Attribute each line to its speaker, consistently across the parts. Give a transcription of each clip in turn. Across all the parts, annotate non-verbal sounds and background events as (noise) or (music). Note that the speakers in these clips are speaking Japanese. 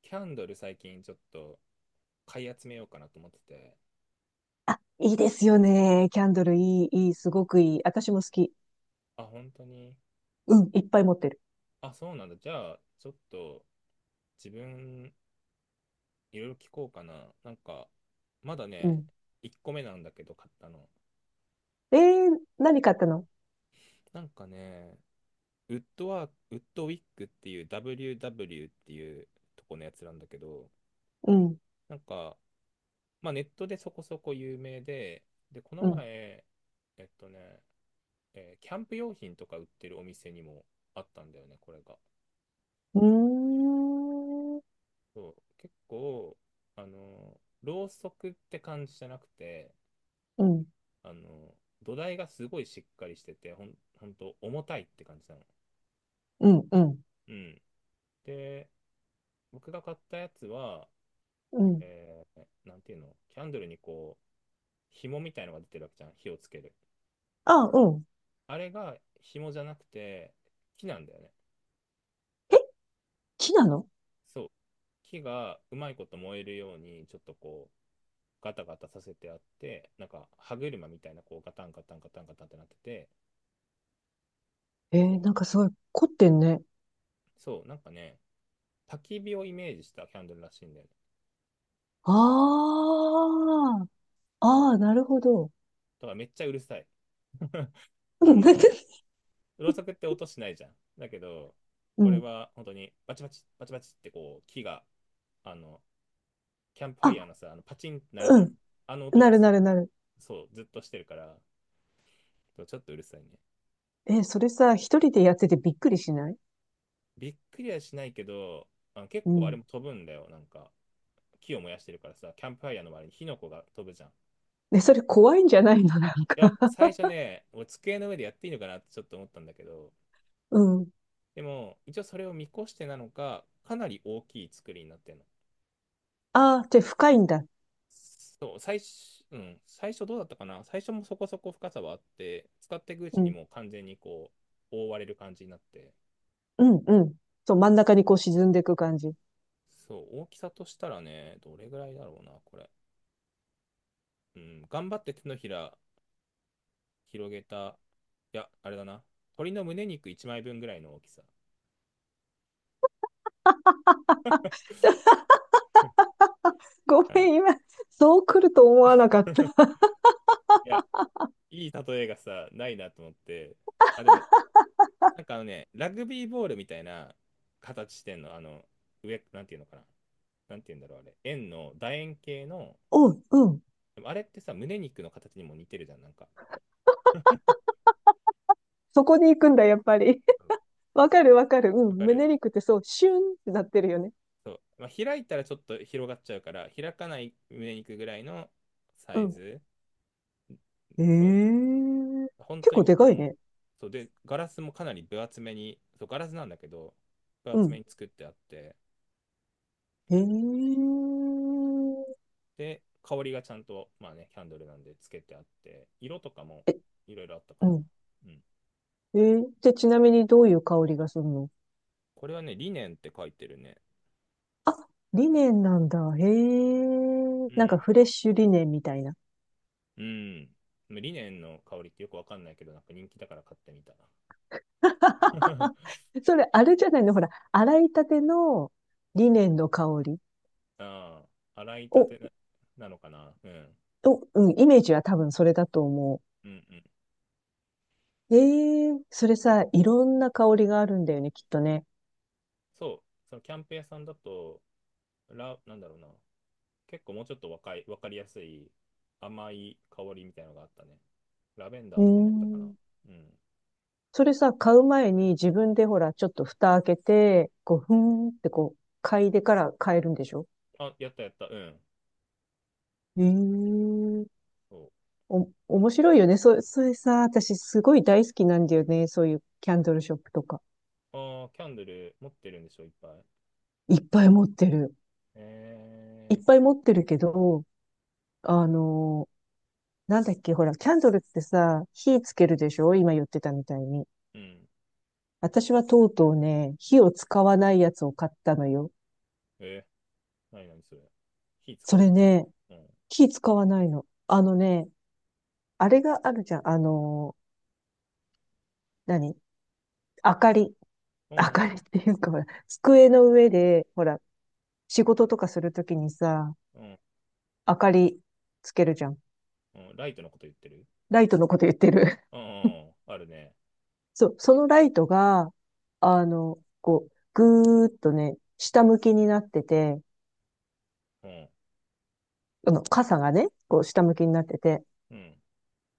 Speaker 1: キャンドル最近ちょっと買い集めようかなと思ってて、
Speaker 2: あ、いいですよね。キャンドルいい、いい、すごくいい。私も好き。
Speaker 1: あ、本当に、
Speaker 2: うん、いっぱい持ってる。
Speaker 1: あ、そうなんだ。じゃあ、ちょっと自分いろいろ聞こうかな。なんか、まだ
Speaker 2: う
Speaker 1: ね、
Speaker 2: ん。
Speaker 1: 1個目なんだけど買ったの。
Speaker 2: えー、何買ったの？
Speaker 1: なんかね、ウッドワーク、ウッドウィックっていう WW っていうとこのやつなんだけど、
Speaker 2: うん、
Speaker 1: なんか、まあネットでそこそこ有名で、で、この
Speaker 2: うん。
Speaker 1: 前、えっとね、えーキャンプ用品とか売ってるお店にもあったんだよね、これが。
Speaker 2: うーん、うん、
Speaker 1: そう、結構あのろうそくって感じじゃなくて、
Speaker 2: う
Speaker 1: あの土台がすごいしっかりしてて、ほんと重たいって感じなの。
Speaker 2: ん、うん、
Speaker 1: うん。で、僕が買ったやつは、
Speaker 2: うん。
Speaker 1: なんていうの、キャンドルにこう紐みたいのが出てるわけじゃん、火をつける。
Speaker 2: あ、うん。
Speaker 1: あれが紐じゃなくて木なんだよね。
Speaker 2: え、木なの？
Speaker 1: そう、木がうまいこと燃えるようにちょっとこうガタガタさせてあって、なんか歯車みたいなこうガタンガタンガタンガタンってなってて、
Speaker 2: え
Speaker 1: そ
Speaker 2: ー、
Speaker 1: う。
Speaker 2: なんかすごい凝ってんね。
Speaker 1: そう、なんかね、焚き火をイメージしたキャンドルらしいんだよね。
Speaker 2: ああ、あ
Speaker 1: そ
Speaker 2: あ、
Speaker 1: う。
Speaker 2: なるほど。
Speaker 1: だからめっちゃうるさい。
Speaker 2: う
Speaker 1: あ
Speaker 2: ん、
Speaker 1: の、
Speaker 2: (laughs)
Speaker 1: ろうそくって音しないじゃん。だけど、
Speaker 2: う
Speaker 1: これ
Speaker 2: ん。
Speaker 1: は本当にバチバチ、バチバチってこう、木が、あの、キャンプファイヤー
Speaker 2: あ、
Speaker 1: のさ、あのパチンってなるじ
Speaker 2: う
Speaker 1: ゃん。
Speaker 2: ん。
Speaker 1: あの音
Speaker 2: な
Speaker 1: が
Speaker 2: る
Speaker 1: す、
Speaker 2: なるなる。
Speaker 1: そう、ずっとしてるから、そうちょっとうるさいね。
Speaker 2: えそれさ、一人でやっててびっくりしない？
Speaker 1: びっくりはしないけど、あ、結
Speaker 2: う
Speaker 1: 構あれ
Speaker 2: ん。
Speaker 1: も飛ぶんだよ、なんか。木を燃やしてるからさ、キャンプファイヤーの周りに火の粉が飛ぶじゃん。い
Speaker 2: ね、それ怖いんじゃないの、なんか。
Speaker 1: や、最初ね、俺机の上でやっていいのかなってちょっと思ったんだけど、
Speaker 2: うん。
Speaker 1: でも、一応それを見越してなのか、かなり大きい作りになってるの。
Speaker 2: ああ、じゃあ深いんだ。
Speaker 1: そう、最初、うん、最初どうだったかな、最初もそこそこ深さはあって、使っていくう
Speaker 2: う
Speaker 1: ちに
Speaker 2: ん、
Speaker 1: もう完全にこう、覆われる感じになって、
Speaker 2: うん、うん。そう、真ん中にこう沈んでいく感じ。
Speaker 1: そう、大きさとしたらね、どれぐらいだろうな、これ。うん、頑張って手のひら広げた、いや、あれだな、鳥の胸肉1枚分ぐらいの大きさ。
Speaker 2: (laughs) ご
Speaker 1: うん。
Speaker 2: めん、今、そう来ると思わなかった。
Speaker 1: (laughs)
Speaker 2: (laughs)
Speaker 1: いや、いい例えがさ、ないなと思って、あ、でも、なんかあのね、ラグビーボールみたいな形してんの、あの、上、なんていうのかな。なんていうんだろう、あれ。円の、楕円形の、
Speaker 2: うん、うん。
Speaker 1: でもあれってさ、胸肉の形にも似てるじゃん、なんか。
Speaker 2: そこに行くんだ、やっぱり。
Speaker 1: うん、
Speaker 2: (laughs) わかる、わかる。う
Speaker 1: わ
Speaker 2: ん。
Speaker 1: かる、
Speaker 2: 胸肉ってそう、シュンってなってるよね。
Speaker 1: そう。まあ、開いたらちょっと広がっちゃうから、開かない胸肉ぐらいのサ
Speaker 2: う
Speaker 1: イ
Speaker 2: ん。
Speaker 1: ズ。そう。
Speaker 2: ええ、
Speaker 1: 本
Speaker 2: 結
Speaker 1: 当に
Speaker 2: 構でかい
Speaker 1: 重い。
Speaker 2: ね。
Speaker 1: そう。で、ガラスもかなり分厚めに、そう、ガラスなんだけど、分
Speaker 2: う
Speaker 1: 厚め
Speaker 2: ん。
Speaker 1: に作ってあって、
Speaker 2: ええ
Speaker 1: で、香りがちゃんと、まあね、キャンドルなんでつけてあって、色とかも
Speaker 2: え、
Speaker 1: いろいろあったか
Speaker 2: う
Speaker 1: な。
Speaker 2: ん。
Speaker 1: うん。
Speaker 2: ええで、ちなみにどういう香りがするの？
Speaker 1: これはね、リネンって書いてるね。
Speaker 2: リネンなんだ。へえ。
Speaker 1: う
Speaker 2: なんか
Speaker 1: ん。
Speaker 2: フレッシュリネンみたいな。
Speaker 1: うん。リネンの香りってよくわかんないけど、なんか人気だから買ってみた。
Speaker 2: (laughs)
Speaker 1: (laughs)
Speaker 2: それ、あれじゃないの、ほら、洗いたてのリネンの香り。
Speaker 1: ああ、洗いた
Speaker 2: お、
Speaker 1: てな、なのかな。うん。
Speaker 2: お、うん、イメージは多分それだと思
Speaker 1: うんうん。
Speaker 2: う。ええそれさ、いろんな香りがあるんだよね、きっとね。
Speaker 1: そう、そのキャンプ屋さんだと、なんだろうな、結構もうちょっと若い、わかりやすい甘い香りみたいなのがあったね。ラベン
Speaker 2: う
Speaker 1: ダー
Speaker 2: ー
Speaker 1: とかもあったかな。
Speaker 2: ん。
Speaker 1: うん。
Speaker 2: それさ、買う前に自分でほら、ちょっと蓋開けて、こう、ふーんってこう、嗅いでから買えるんでしょ？
Speaker 1: あ、やったやった。うん。
Speaker 2: ええ
Speaker 1: そう、
Speaker 2: お、面白いよね。そ、それさ、私すごい大好きなんだよね。そういうキャンドルショップとか。
Speaker 1: ああ、キャンドル持ってるんでしょ、いっぱい。
Speaker 2: いっぱい持ってる。い
Speaker 1: え
Speaker 2: っぱい持ってるけど、あの、なんだっけ、ほら、キャンドルってさ、火つけるでしょ、今言ってたみたいに。
Speaker 1: ー、うん。
Speaker 2: 私はとうとうね、火を使わないやつを買ったのよ。
Speaker 1: えー、なになにそれ。火使
Speaker 2: そ
Speaker 1: わ
Speaker 2: れ
Speaker 1: ない、
Speaker 2: ね、
Speaker 1: うん。
Speaker 2: 火使わないの。あれがあるじゃん。何、明かり。
Speaker 1: う
Speaker 2: 明か
Speaker 1: ん、
Speaker 2: りっていうか、ほら、机の上で、ほら、仕事とかするときにさ、
Speaker 1: うん、うん、
Speaker 2: 明かりつけるじゃん。
Speaker 1: うんうん。ライトのこと言ってる、
Speaker 2: ライトのこと言ってる。
Speaker 1: うん、うんうん、あるね。
Speaker 2: (laughs) そう、そのライトが、こう、ぐーっとね、下向きになってて、
Speaker 1: うん、
Speaker 2: 傘がね、こう下向きになってて。
Speaker 1: うん。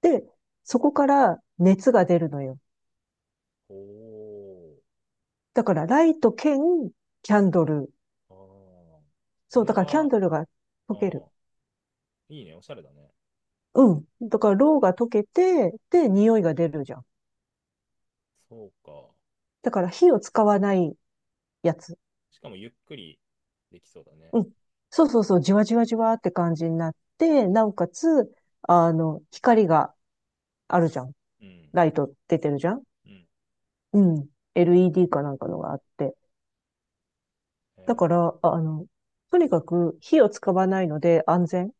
Speaker 2: で、そこから熱が出るのよ。
Speaker 1: おー、
Speaker 2: だからライト兼キャンドル。
Speaker 1: ああ。そ
Speaker 2: そう、
Speaker 1: れ
Speaker 2: だからキャ
Speaker 1: は、
Speaker 2: ン
Speaker 1: あ
Speaker 2: ドルが溶ける。
Speaker 1: あ、いいね、おしゃれだね。
Speaker 2: うん。だからろうが溶けて、で、匂いが出るじゃん。
Speaker 1: そうか。
Speaker 2: だから火を使わないやつ。
Speaker 1: しかもゆっくりできそうだね。
Speaker 2: うん。そうそうそう、じわじわじわって感じになって、なおかつ、光があるじゃん。
Speaker 1: うん、
Speaker 2: ライト出てるじゃん。
Speaker 1: うん。
Speaker 2: うん。LED かなんかのがあって。だか
Speaker 1: え
Speaker 2: ら、あとにかく火を使わないので安全。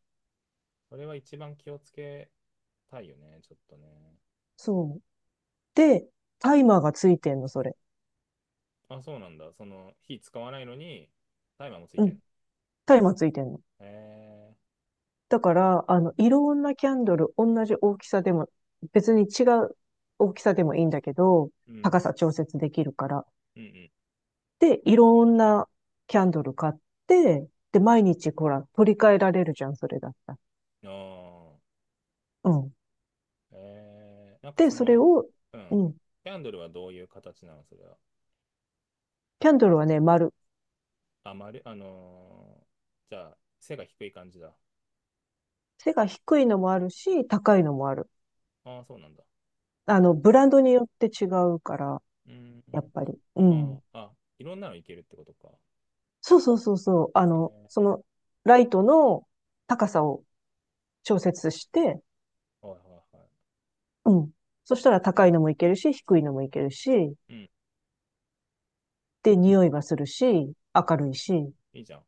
Speaker 1: ー、それは一番気をつけたいよね、ちょっとね。
Speaker 2: そう。で、タイマーがついてんの、それ。
Speaker 1: あ、そうなんだ。その、火使わないのに、タイマーもつい
Speaker 2: う
Speaker 1: てん
Speaker 2: ん。
Speaker 1: の。
Speaker 2: タイマーついてんの。
Speaker 1: え
Speaker 2: だから、いろんなキャンドル、同じ大きさでも、別に違う大きさでもいいんだけど、
Speaker 1: ー、うん、
Speaker 2: 高さ調節できるから。
Speaker 1: うん、
Speaker 2: で、いろんなキャンドル買って、で、毎日、ほら、取り替えられるじゃん、それだったら。
Speaker 1: うん。ああ、
Speaker 2: うん。
Speaker 1: えー、なんか
Speaker 2: で、
Speaker 1: そ
Speaker 2: それ
Speaker 1: の、
Speaker 2: を、
Speaker 1: う
Speaker 2: う
Speaker 1: ん。
Speaker 2: ん。
Speaker 1: キャンドルはどういう形なの、それは。
Speaker 2: キャンドルはね、丸。
Speaker 1: あ、まる、あのーじゃあ、背が低い感じだ。
Speaker 2: 背が低いのもあるし、高いのもある。
Speaker 1: ああ、そうなんだ。
Speaker 2: ブランドによって違うから、
Speaker 1: うん。
Speaker 2: やっぱり。う
Speaker 1: あ
Speaker 2: ん。
Speaker 1: あ、あ、いろんなのいけるってことか。
Speaker 2: そうそうそうそう。
Speaker 1: え
Speaker 2: ライトの高さを調節して、
Speaker 1: ー、はいはいはい。
Speaker 2: うん。そしたら高いのもいけるし、低いのもいけるし、
Speaker 1: うん。
Speaker 2: で、匂いはするし、明
Speaker 1: え
Speaker 2: るいし、
Speaker 1: ー、いいじゃん。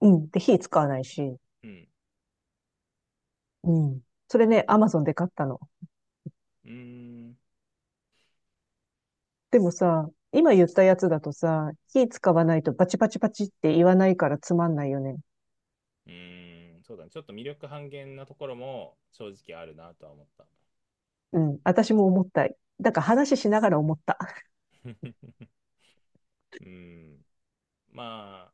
Speaker 2: うん。で、火使わないし、
Speaker 1: うん。
Speaker 2: うん。それね、アマゾンで買ったの。
Speaker 1: うーん。
Speaker 2: でもさ、今言ったやつだとさ、火使わないとバチバチバチって言わないからつまんないよね。
Speaker 1: うーん。そうだね。ちょっと魅力半減なところも正直あるなとは思った。
Speaker 2: うん。私も思った。だから話しながら思った。
Speaker 1: (laughs) うん、まあ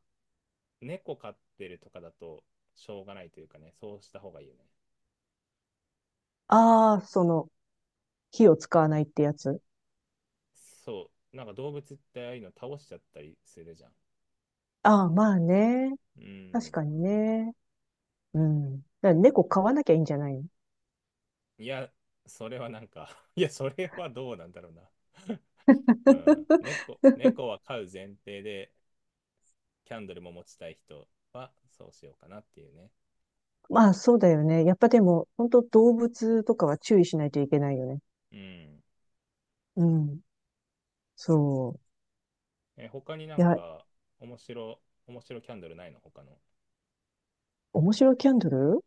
Speaker 1: 猫飼ってるとかだとしょうがないというかね、そうした方がいいよね。
Speaker 2: ああ、その、火を使わないってやつ。
Speaker 1: そう、なんか動物ってああいうの倒しちゃったりするじゃん。
Speaker 2: ああ、まあね。
Speaker 1: う
Speaker 2: 確
Speaker 1: ん、
Speaker 2: かにね。うん。だから猫飼わなきゃいいんじゃないの？
Speaker 1: いやそれはなんか (laughs) いやそれはどうなんだろうな。 (laughs) うん、
Speaker 2: (laughs)
Speaker 1: 猫は飼う前提でキャンドルも持ちたい人はそうしようかなっていうね。
Speaker 2: まあそうだよね。やっぱでも、本当動物とかは注意しないといけないよね。
Speaker 1: うん。
Speaker 2: うん。そ
Speaker 1: え、他にな
Speaker 2: う。い
Speaker 1: ん
Speaker 2: や、
Speaker 1: か面白面白キャンドルないの、他の。
Speaker 2: 面白いキャンドル、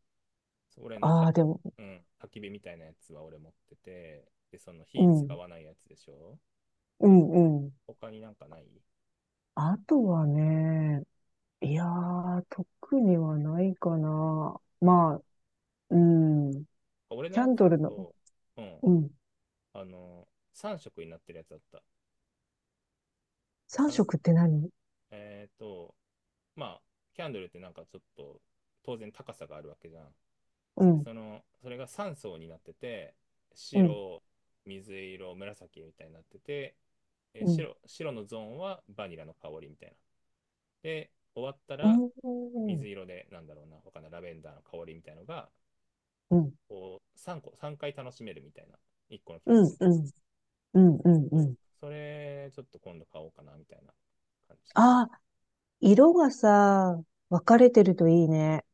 Speaker 1: そう俺の
Speaker 2: あ
Speaker 1: た、
Speaker 2: あー、でも、
Speaker 1: うん、焚き火みたいなやつは俺持ってて、で、その
Speaker 2: う
Speaker 1: 火使
Speaker 2: ん。
Speaker 1: わないやつでしょ。
Speaker 2: うんうん。
Speaker 1: 他になんかない。
Speaker 2: あとはね、いやー、特にはないかな。
Speaker 1: うん、
Speaker 2: まあ、うん。
Speaker 1: 俺の
Speaker 2: キャ
Speaker 1: や
Speaker 2: ンド
Speaker 1: つ
Speaker 2: ルの、
Speaker 1: と、うん、
Speaker 2: うん。
Speaker 1: あの、3色になってるやつだった。
Speaker 2: 3
Speaker 1: 三
Speaker 2: 色って何？
Speaker 1: えっ、ー、と、まあ、キャンドルってなんかちょっと、当然高さがあるわけじゃん。
Speaker 2: う
Speaker 1: で、
Speaker 2: ん、
Speaker 1: その、それが3層になってて、
Speaker 2: うん、
Speaker 1: 白、水色、紫みたいになってて、
Speaker 2: うん。
Speaker 1: 白、白のゾーンはバニラの香りみたいな。で、終わった
Speaker 2: う
Speaker 1: ら、水
Speaker 2: ん
Speaker 1: 色で、なんだろうな、他のラベンダーの香りみたいのが、
Speaker 2: うん、
Speaker 1: こう、3個、3回楽しめるみたいな、1個のキャン
Speaker 2: う
Speaker 1: ドル
Speaker 2: ん、
Speaker 1: で。
Speaker 2: うん、うん、うん、
Speaker 1: そ
Speaker 2: う
Speaker 1: う。
Speaker 2: ん。
Speaker 1: それ、ちょっと今度買おうかな、みたいな感じ。
Speaker 2: ああ、色がさ、分かれてるといいね。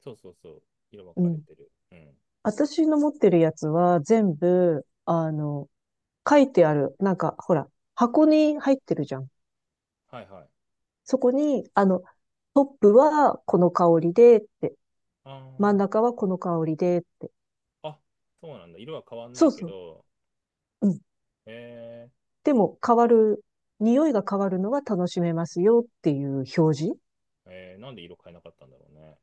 Speaker 1: そうそうそう。色分
Speaker 2: う
Speaker 1: かれ
Speaker 2: ん。
Speaker 1: てる。うん。
Speaker 2: 私の持ってるやつは全部、書いてある。なんか、ほら、箱に入ってるじゃん。
Speaker 1: はいはい。
Speaker 2: そこに、トップはこの香りでって、
Speaker 1: あ
Speaker 2: 真ん
Speaker 1: ー、
Speaker 2: 中はこの香りでって。
Speaker 1: あ、そうなんだ。色は変わんな
Speaker 2: そ
Speaker 1: い
Speaker 2: う
Speaker 1: け
Speaker 2: そう。
Speaker 1: ど、
Speaker 2: うん。
Speaker 1: え
Speaker 2: でも変わる、匂いが変わるのは楽しめますよっていう表示。
Speaker 1: ー、えー、なんで色変えなかったんだろうね。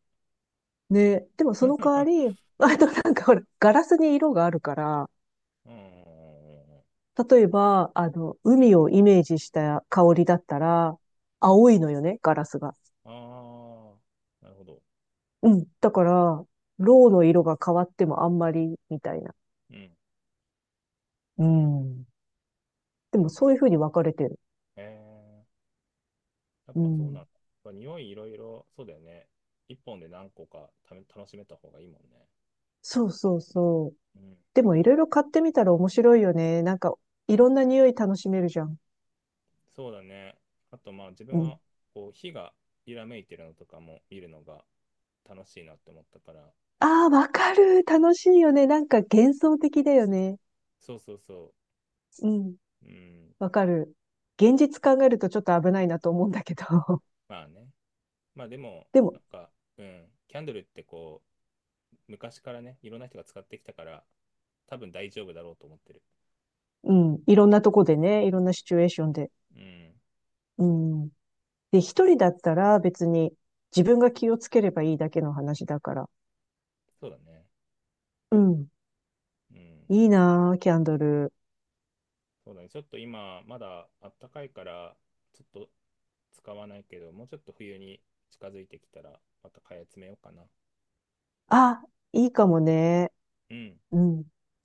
Speaker 2: ね。でもその代わ
Speaker 1: (laughs)
Speaker 2: り、
Speaker 1: う
Speaker 2: あと
Speaker 1: ん。
Speaker 2: なんかほら、ガラスに色があるから、
Speaker 1: うん。うんうんうんうん、
Speaker 2: 例えば、海をイメージした香りだったら、青いのよね、ガラスが。
Speaker 1: ああー、なるほど。
Speaker 2: うん。だから、ロウの色が変わってもあんまり、みたいな。
Speaker 1: うん。
Speaker 2: うん。で
Speaker 1: う
Speaker 2: も
Speaker 1: ん。
Speaker 2: そういう風に分かれてる。
Speaker 1: えー、やっ
Speaker 2: う
Speaker 1: ぱそうなんだ。
Speaker 2: ん。
Speaker 1: やっぱ匂いいろいろ、そうだよね。一本で何個か楽しめた方がいいもんね。
Speaker 2: そうそうそう。
Speaker 1: うん。
Speaker 2: でもいろいろ買ってみたら面白いよね。なんか、いろんな匂い楽しめるじゃん。
Speaker 1: そうだね。あとまあ自分
Speaker 2: うん。
Speaker 1: はこう火が揺らめいてるのとかも見るのが楽しいなって思ったから。
Speaker 2: ああ、わかる。楽しいよね。なんか幻想的だよね。
Speaker 1: そうそうそ
Speaker 2: うん。
Speaker 1: う。うん。
Speaker 2: わかる。現実考えるとちょっと危ないなと思うんだけど。(laughs)
Speaker 1: まあね。まあでも、
Speaker 2: でも、
Speaker 1: なんか、うん。キャンドルってこう、昔からね、いろんな人が使ってきたから、多分大丈夫だろうと思ってる。
Speaker 2: うん、いろんなとこでね、いろんなシチュエーションで。
Speaker 1: うん。
Speaker 2: うん。で、一人だったら別に自分が気をつければいいだけの話だから。
Speaker 1: そうだね。
Speaker 2: うん。
Speaker 1: うん。
Speaker 2: いいなぁ、キャンドル。
Speaker 1: そうだね。ちょっと今、まだあったかいから、ちょっと使わないけど、もうちょっと冬に近づいてきたら、また買い集めようかな。
Speaker 2: あ、いいかもね。
Speaker 1: うん。
Speaker 2: うん。